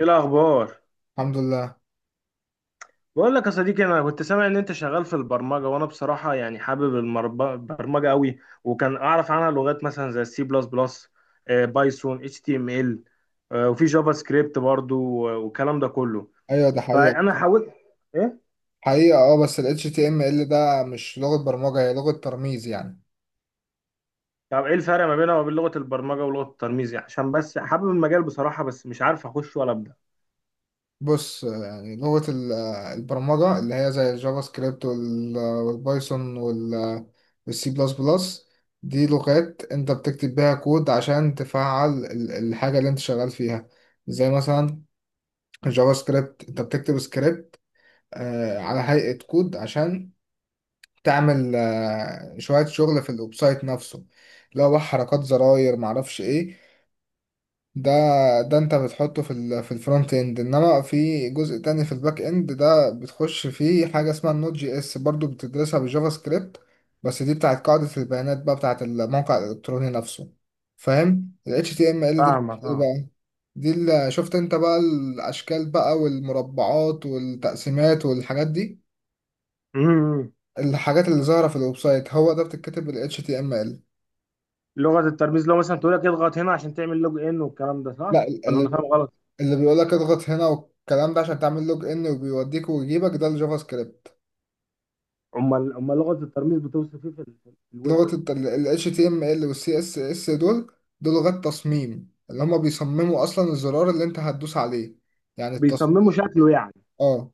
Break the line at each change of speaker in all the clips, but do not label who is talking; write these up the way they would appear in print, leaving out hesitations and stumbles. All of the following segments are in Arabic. ايه الاخبار؟
الحمد لله.
بقول لك يا صديقي، انا كنت سامع ان انت شغال في البرمجه، وانا بصراحه يعني حابب البرمجه قوي، وكان اعرف عنها لغات مثلا زي السي بلس بلس، بايثون، اتش تي ام ال، وفي جافا سكريبت برضو، والكلام ده كله.
ايوه، ده حقيقة.
فانا حاولت ايه.
حقيقة اه، بس ال HTML ده مش لغة برمجة، هي لغة ترميز يعني.
طب ايه الفرق ما بينها وبين لغه البرمجه ولغه الترميز يعني؟ عشان بس حابب المجال بصراحه، بس مش عارف اخش ولا ابدا.
بص، يعني لغة البرمجة اللي هي زي الجافا سكريبت والبايثون والسي بلس بلس. دي لغات انت بتكتب بيها كود عشان تفعل الحاجة اللي انت شغال فيها. زي مثلا الجافا سكريبت، انت بتكتب سكريبت على هيئة كود عشان تعمل شوية شغل في الويب سايت نفسه. لو بقى حركات زراير معرفش ايه ده. ده انت بتحطه في الفرونت اند، انما في جزء تاني في الباك اند، ده بتخش فيه حاجة اسمها النوت جي اس، برضو بتدرسها بالجافا سكريبت، بس دي بتاعت قاعدة البيانات بقى، بتاعت الموقع الإلكتروني نفسه. فاهم؟ ال HTML دي بت-
فاهمك
ايه
اه.
بقى، دي اللي شفت انت بقى الأشكال بقى والمربعات والتقسيمات والحاجات دي،
امم
الحاجات اللي ظاهرة في الويب سايت، هو ده بتتكتب بال HTML.
لغه الترميز لو مثلا تقول لك اضغط هنا عشان تعمل لوج ان والكلام ده،
لا،
صح ولا انا فاهم؟
اللي بيقول لك اضغط هنا والكلام ده عشان تعمل لوج ان وبيوديك ويجيبك، ده الجافا سكريبت.
امال امال لغه الترميز بتوصف ايه في في الويب؟
ال HTML وال CSS دول، دول لغات تصميم، اللي هما بيصمموا اصلا الزرار اللي انت هتدوس عليه. يعني التصميم.
بيصمموا شكله يعني.
اه.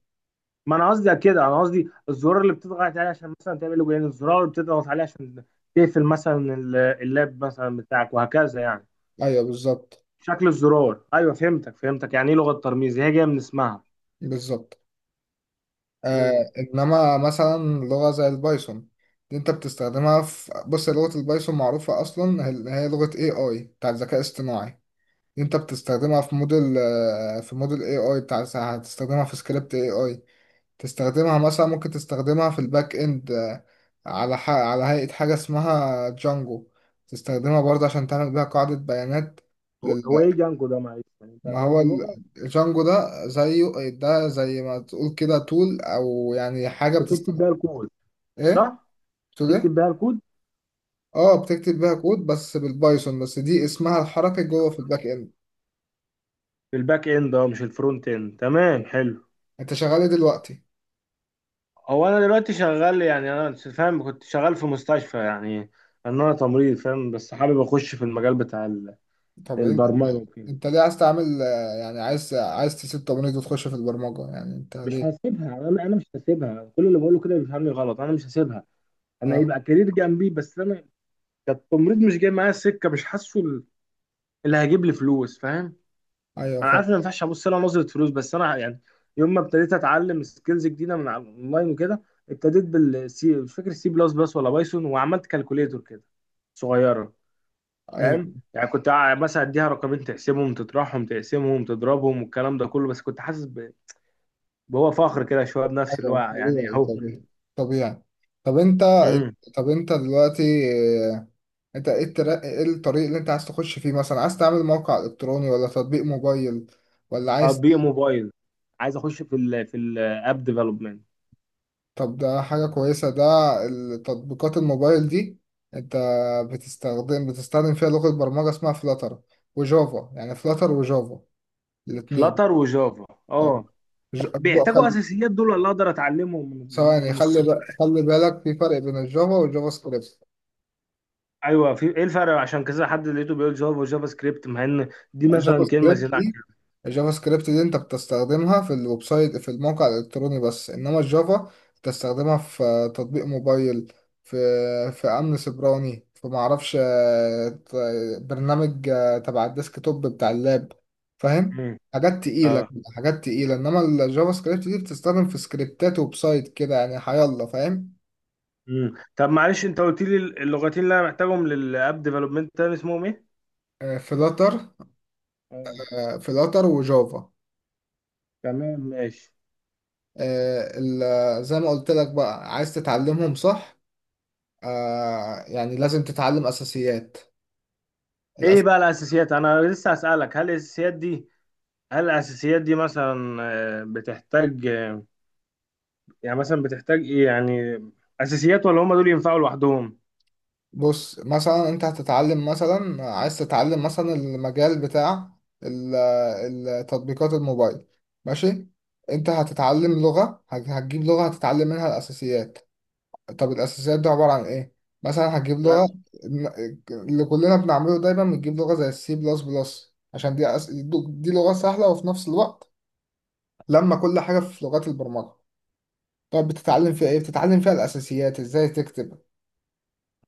ما انا قصدي كده، انا قصدي الزرار اللي بتضغط عليه عشان مثلا تعمل له جولان، الزرار اللي بتضغط عليه عشان تقفل مثلا اللاب مثلا بتاعك وهكذا يعني.
ايوه بالظبط.
شكل الزرار، ايوه فهمتك فهمتك، يعني ايه لغه ترميز، هي جايه من اسمها.
بالظبط.
امم.
آه انما مثلا لغة زي البايثون، دي انت بتستخدمها في، بص، لغة البايثون معروفة اصلا، هي هي لغة AI، بتاع الذكاء الاصطناعي. انت بتستخدمها في موديل في موديل AI بتاع، هتستخدمها في سكريبت AI، تستخدمها مثلا، ممكن تستخدمها في الباك اند على هيئة حاجة اسمها جانجو، تستخدمها برضه عشان تعمل بيها قاعدة بيانات
هو
لل...
هو ايه جانجو ده معلش؟ يعني انت
ما هو
برضه لغه
الجانجو ده زيه، ده زي ما تقول كده تول، او يعني حاجة
بتكتب بيها الكود
ايه،
صح؟
تقول ايه.
تكتب بيها الكود.
اه، بتكتب بيها كود بس بالبايثون، بس دي اسمها الحركي جوه في الباك اند.
في الباك اند، اه مش الفرونت اند، تمام حلو.
انت شغال ايه دلوقتي؟
هو انا دلوقتي شغال، يعني انا فاهم، كنت شغال في مستشفى يعني، ان انا تمريض فاهم، بس حابب اخش في المجال بتاع
طب انت
البرمجه وكده.
انت ليه عايز تعمل يعني عايز، تسيب تمريض وتخش في البرمجة، يعني انت
مش
ليه؟
هسيبها، انا مش هسيبها. كل اللي بقوله كده بيفهمني غلط، انا مش هسيبها. انا
اه.
هيبقى كارير جنبي بس. انا كتمريض مش جاي معايا السكه، مش حاسه اللي هيجيب لي فلوس، فاهم.
ايوه
انا
فاهم.
عارف ان ما ينفعش ابص لها نظره فلوس، بس انا يعني يوم ما ابتديت اتعلم سكيلز جديده من على اونلاين وكده، ابتديت بالسي، مش فاكر سي بلس بلس ولا بايثون، وعملت كالكوليتور كده صغيره، فاهم؟
ايوه.
يعني كنت مثلا اديها رقمين تقسمهم، تطرحهم، تقسمهم، تضربهم والكلام ده كله، بس كنت حاسس بهو فخر كده شويه بنفسي، اللي هو
ايوه،
يعني
طبيعي
اهو.
طبيعي. طبيعي. طب انت
امم.
طب انت دلوقتي آه، انت ايه الطريق اللي انت عاز تخش فيه؟ مثلا عايز تعمل موقع الكتروني، ولا تطبيق موبايل، ولا عايز.
تطبيق موبايل، عايز اخش في ال في الاب ديفلوبمنت.
طب ده حاجة كويسة ده، التطبيقات الموبايل دي. انت بتستخدم فيها لغة برمجة اسمها فلاتر وجافا، يعني فلاتر وجافا، الاتنين.
فلاتر وجافا،
آه.
اه.
ج- بقى
بيحتاجوا
خلي
اساسيات دول ولا اقدر اتعلمهم من
ثواني،
من
خلي
الصفر؟
خلي بالك، في فرق بين الجافا والجافا سكريبت.
ايوه، في ايه الفرق؟ عشان كذا حد لقيته بيقول جافا وجافا سكريبت، مع ان دي
الجافا
مثلا كلمه
سكريبت
زياده عن
دي
كده.
الجافا سكريبت دي انت بتستخدمها في الويب سايت، في الموقع الالكتروني بس، انما الجافا بتستخدمها في تطبيق موبايل، في امن سيبراني، في معرفش برنامج تبع الديسك توب بتاع اللاب. فاهم؟
امم.
حاجات تقيلة.
اه.
حاجات تقيلة، انما الجافا سكريبت دي بتستخدم في سكريبتات ويب سايت كده يعني، هيلا، فاهم؟
امم. طب معلش، انت قلت لي اللغتين اللي انا محتاجهم للاب ديفلوبمنت تاني اسمهم
فلاتر.
ايه؟
فلاتر وجافا.
تمام ماشي.
زي ما قلت لك بقى، عايز تتعلمهم صح. يعني لازم تتعلم أساسيات.
ايه
الأس...
بقى الاساسيات؟ انا لسه هسألك، هل الاساسيات دي، هل الاساسيات دي مثلا بتحتاج، يعني مثلا بتحتاج ايه يعني؟ اساسيات ولا هم دول ينفعوا لوحدهم
بص مثلا أنت هتتعلم، مثلا عايز تتعلم مثلا المجال بتاع ال- تطبيقات الموبايل. ماشي. أنت هتتعلم لغة، هتجيب لغة هتتعلم منها الأساسيات. طب الأساسيات دي عبارة عن إيه؟ مثلا هتجيب لغة،
بس؟
ن- اللي كلنا بنعمله دايما بنجيب لغة زي السي بلس بلس، عشان دي دي لغة سهلة، وفي نفس الوقت لما كل حاجة في لغات البرمجة. طب بتتعلم فيها ايه؟ بتتعلم فيها الأساسيات ازاي تكتب،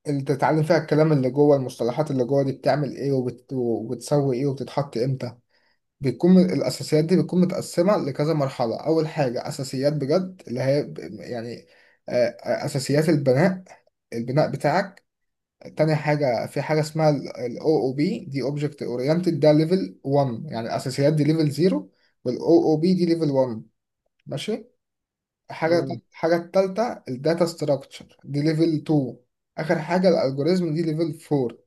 اللي بتتعلم فيها الكلام اللي جوه، المصطلحات اللي جوه دي بتعمل ايه، وبتسوي ايه، وبتتحط امتى. بيكون الأساسيات دي بتكون متقسمة لكذا مرحلة. أول حاجة أساسيات بجد، اللي هي يعني أساسيات البناء، البناء بتاعك. تاني حاجة، في حاجة اسمها ال OOP، دي Object Oriented، ده ليفل 1. يعني الأساسيات دي ليفل 0، وال OOP دي ليفل 1. ماشي. حاجة
مم.
حاجة التالتة، الداتا ستراكشر، دي ليفل 2. آخر حاجة الالجوريزم، دي ليفل 4.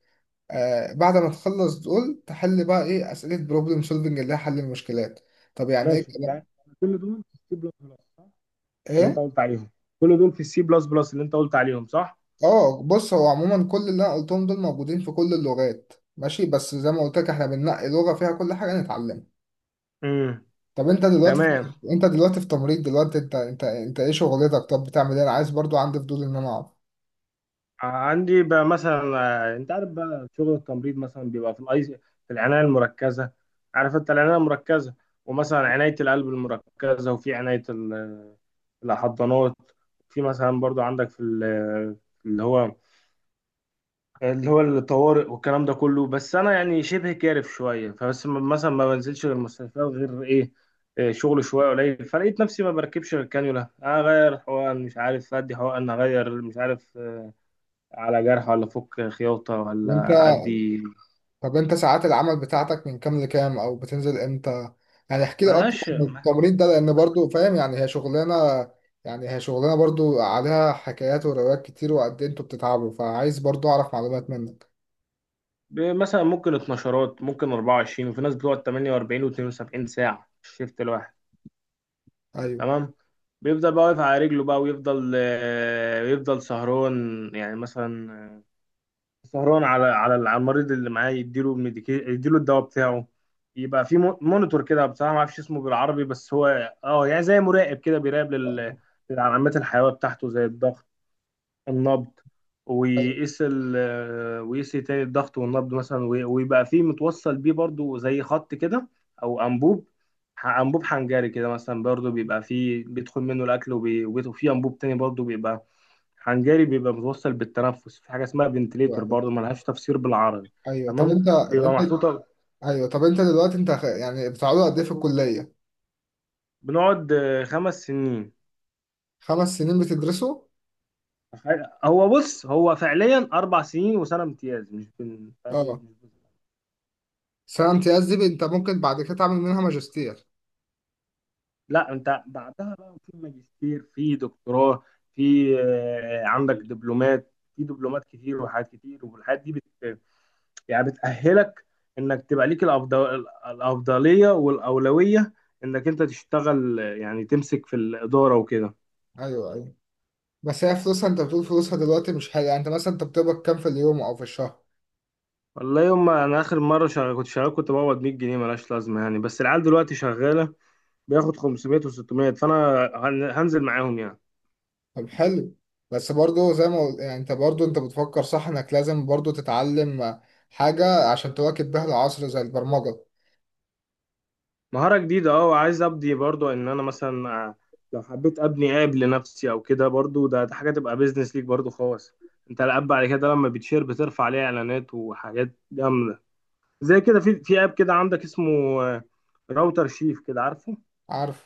آه، بعد ما تخلص دول تحل بقى إيه، أسئلة بروبلم سولفنج، اللي هي حل المشكلات. طب يعني إيه
ماشي
الكلام،
يعني. كل دول في السي بلس بلس صح، اللي انت
إيه؟
قلت عليهم؟ كل دول في السي بلس بلس اللي انت قلت عليهم صح؟
آه بص، هو عموما كل اللي أنا قلتهم دول موجودين في كل اللغات، ماشي؟ بس زي ما قلت لك، إحنا بننقي لغة فيها كل حاجة نتعلمها.
امم.
طب أنت دلوقتي في...
تمام.
أنت دلوقتي في تمريض دلوقتي، أنت إيه شغلتك؟ طب بتعمل إيه؟ أنا عايز، برضو عندي فضول إن أنا أعرف.
عندي بقى مثلا، انت عارف بقى شغل التمريض، مثلا بيبقى في الاي في، العنايه المركزه، عارف انت العنايه المركزه؟ ومثلا عنايه القلب المركزه، وفي عنايه الحضانات، في مثلا برضو عندك في اللي هو اللي هو الطوارئ والكلام ده كله. بس انا يعني شبه كارف شويه، فبس مثلا ما بنزلش غير المستشفيات غير ايه، شغل شويه قليل، فلقيت نفسي ما بركبش غير الكانيولا، اغير حقن، مش عارف ادي حقن، اغير مش عارف على جرح، ولا فك خياطة،
وأنت
ولا أدي.
طب انت ساعات العمل بتاعتك من كام لكام، او بتنزل امتى؟ يعني احكي لي اكتر
ملهاش.
عن التمرين ده، لان برضو فاهم، يعني هي شغلانه، يعني هي شغلانه برضو عليها حكايات وروايات كتير، وقد ايه انتوا بتتعبوا، فعايز برضو اعرف معلومات منك.
مثلا ممكن 12، ممكن 24، وفي ناس بتقعد 48 و72 ساعة في الشيفت الواحد.
ايوه.
تمام. بيفضل بقى واقف على رجله بقى، ويفضل يفضل سهران، يعني مثلا سهران على على المريض اللي معاه، يديله الميديكي، يديله الدواء بتاعه، يبقى في مونيتور كده، بصراحة ما اعرفش اسمه بالعربي، بس هو اه يعني زي مراقب كده، بيراقب للعلامات الحيوية بتاعته، زي الضغط، النبض،
ايوه.
ويقيس ال آه، ويقيس تاني الضغط والنبض مثلا، ويبقى فيه متوصل بيه برضو زي خط كده، او انبوب، انبوب حنجري كده مثلا، برضو بيبقى فيه بيدخل منه الاكل، وفيه انبوب تاني برضو بيبقى حنجري، بيبقى متوصل بالتنفس، في حاجه اسمها فنتليتور، برضو
ايوه.
ملهاش تفسير بالعربي.
ايوه. طب
تمام.
انت
بيبقى
انت.
محطوطه.
ايوه طب انت دلوقتي انت يعني بتقعدوا قد ايه في الكليه؟
بنقعد 5 سنين.
5 سنين بتدرسوا.
هو بص، هو فعليا 4 سنين وسنه امتياز، مش بن... فاهم؟
اه.
مش.
سنه امتياز دي انت ممكن بعد كده تعمل منها ماجستير.
لا، انت بعدها بقى في ماجستير، في دكتوراه، في عندك دبلومات، في دبلومات كتير وحاجات كتير، والحاجات دي بت، يعني بتأهلك انك تبقى ليك الأفضل، الأفضلية والأولوية، انك انت تشتغل، يعني تمسك في الإدارة وكده.
ايوه ايوه. بس هي فلوسها، انت بتقول فلوسها دلوقتي مش حلو، يعني انت مثلا بتقبض كام في اليوم او في الشهر؟
والله يوم ما انا اخر مرة شغال، كنت شغال كنت بقبض 100 جنيه، ملهاش لازمة يعني. بس العيال دلوقتي شغالة بياخد 500 و600، فانا هنزل معاهم يعني.
طب حلو. بس برضو زي ما قلت، يعني انت برضو انت بتفكر صح انك لازم برضو تتعلم حاجة عشان تواكب بيها العصر، زي البرمجة.
مهارة جديدة اه، وعايز ابدي برضو، ان انا مثلا لو حبيت ابني اب لنفسي او كده، برضو ده حاجة تبقى بيزنس ليك برضو خالص. انت الاب بعد كده لما بتشير بترفع عليه اعلانات وحاجات جامدة زي كده، في اب كده عندك اسمه راوتر شيف كده، عارفه؟
عارف.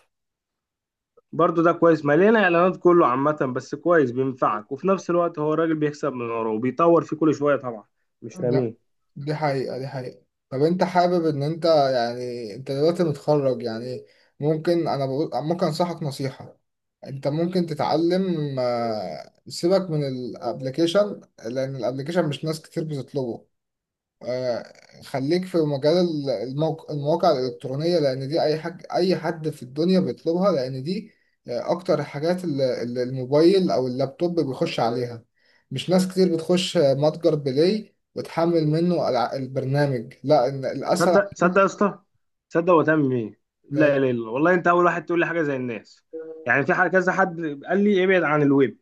برضو ده كويس، مليان اعلانات كله عامة، بس كويس بينفعك، وفي نفس الوقت هو الراجل بيكسب من وراه وبيطور فيه كل شوية طبعا، مش
ده،
راميه.
دي حقيقة. دي حقيقة. طب انت حابب ان انت يعني، انت دلوقتي متخرج يعني. ممكن انا بقول، ممكن انصحك نصيحة. انت ممكن تتعلم سيبك من الابليكيشن، لان الابليكيشن مش ناس كتير بتطلبه. آه، خليك في مجال المواقع الإلكترونية، لأن دي أي حد في الدنيا بيطلبها، لأن دي أكتر الحاجات اللي الموبايل أو اللابتوب بيخش عليها، مش ناس كتير بتخش متجر بلاي وتحمل منه البرنامج، لا، إن الأسهل.
صدق صدق يا اسطى، صدق وتأمم ايه. لا لا لا والله، انت اول واحد تقول لي حاجه زي الناس. يعني في حاجه كذا حد قال لي ابعد عن الويب،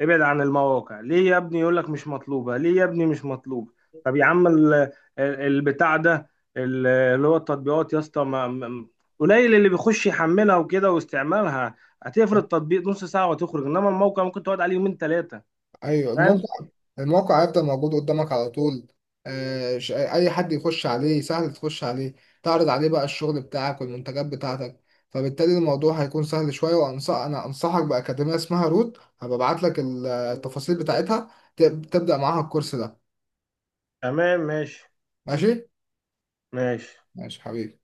ابعد عن المواقع، ليه يا ابني؟ يقول لك مش مطلوبه. ليه يا ابني مش مطلوبه؟ طب يا عم البتاع ده، اللي هو التطبيقات يا اسطى، قليل اللي بيخش يحملها وكده واستعمالها، هتفرد تطبيق نص ساعه وتخرج، انما الموقع ممكن تقعد عليه يومين ثلاثه،
ايوه،
فاهم.
الموقع، الموقع هيفضل موجود قدامك على طول. اي حد يخش عليه، سهل تخش عليه، تعرض عليه بقى الشغل بتاعك والمنتجات بتاعتك، فبالتالي الموضوع هيكون سهل شويه. وانصح، انا انصحك باكاديميه اسمها روت، هبقى ابعت لك التفاصيل بتاعتها. تبدا معاها الكورس ده.
تمام ماشي.
ماشي.
ماشي.
ماشي حبيبي.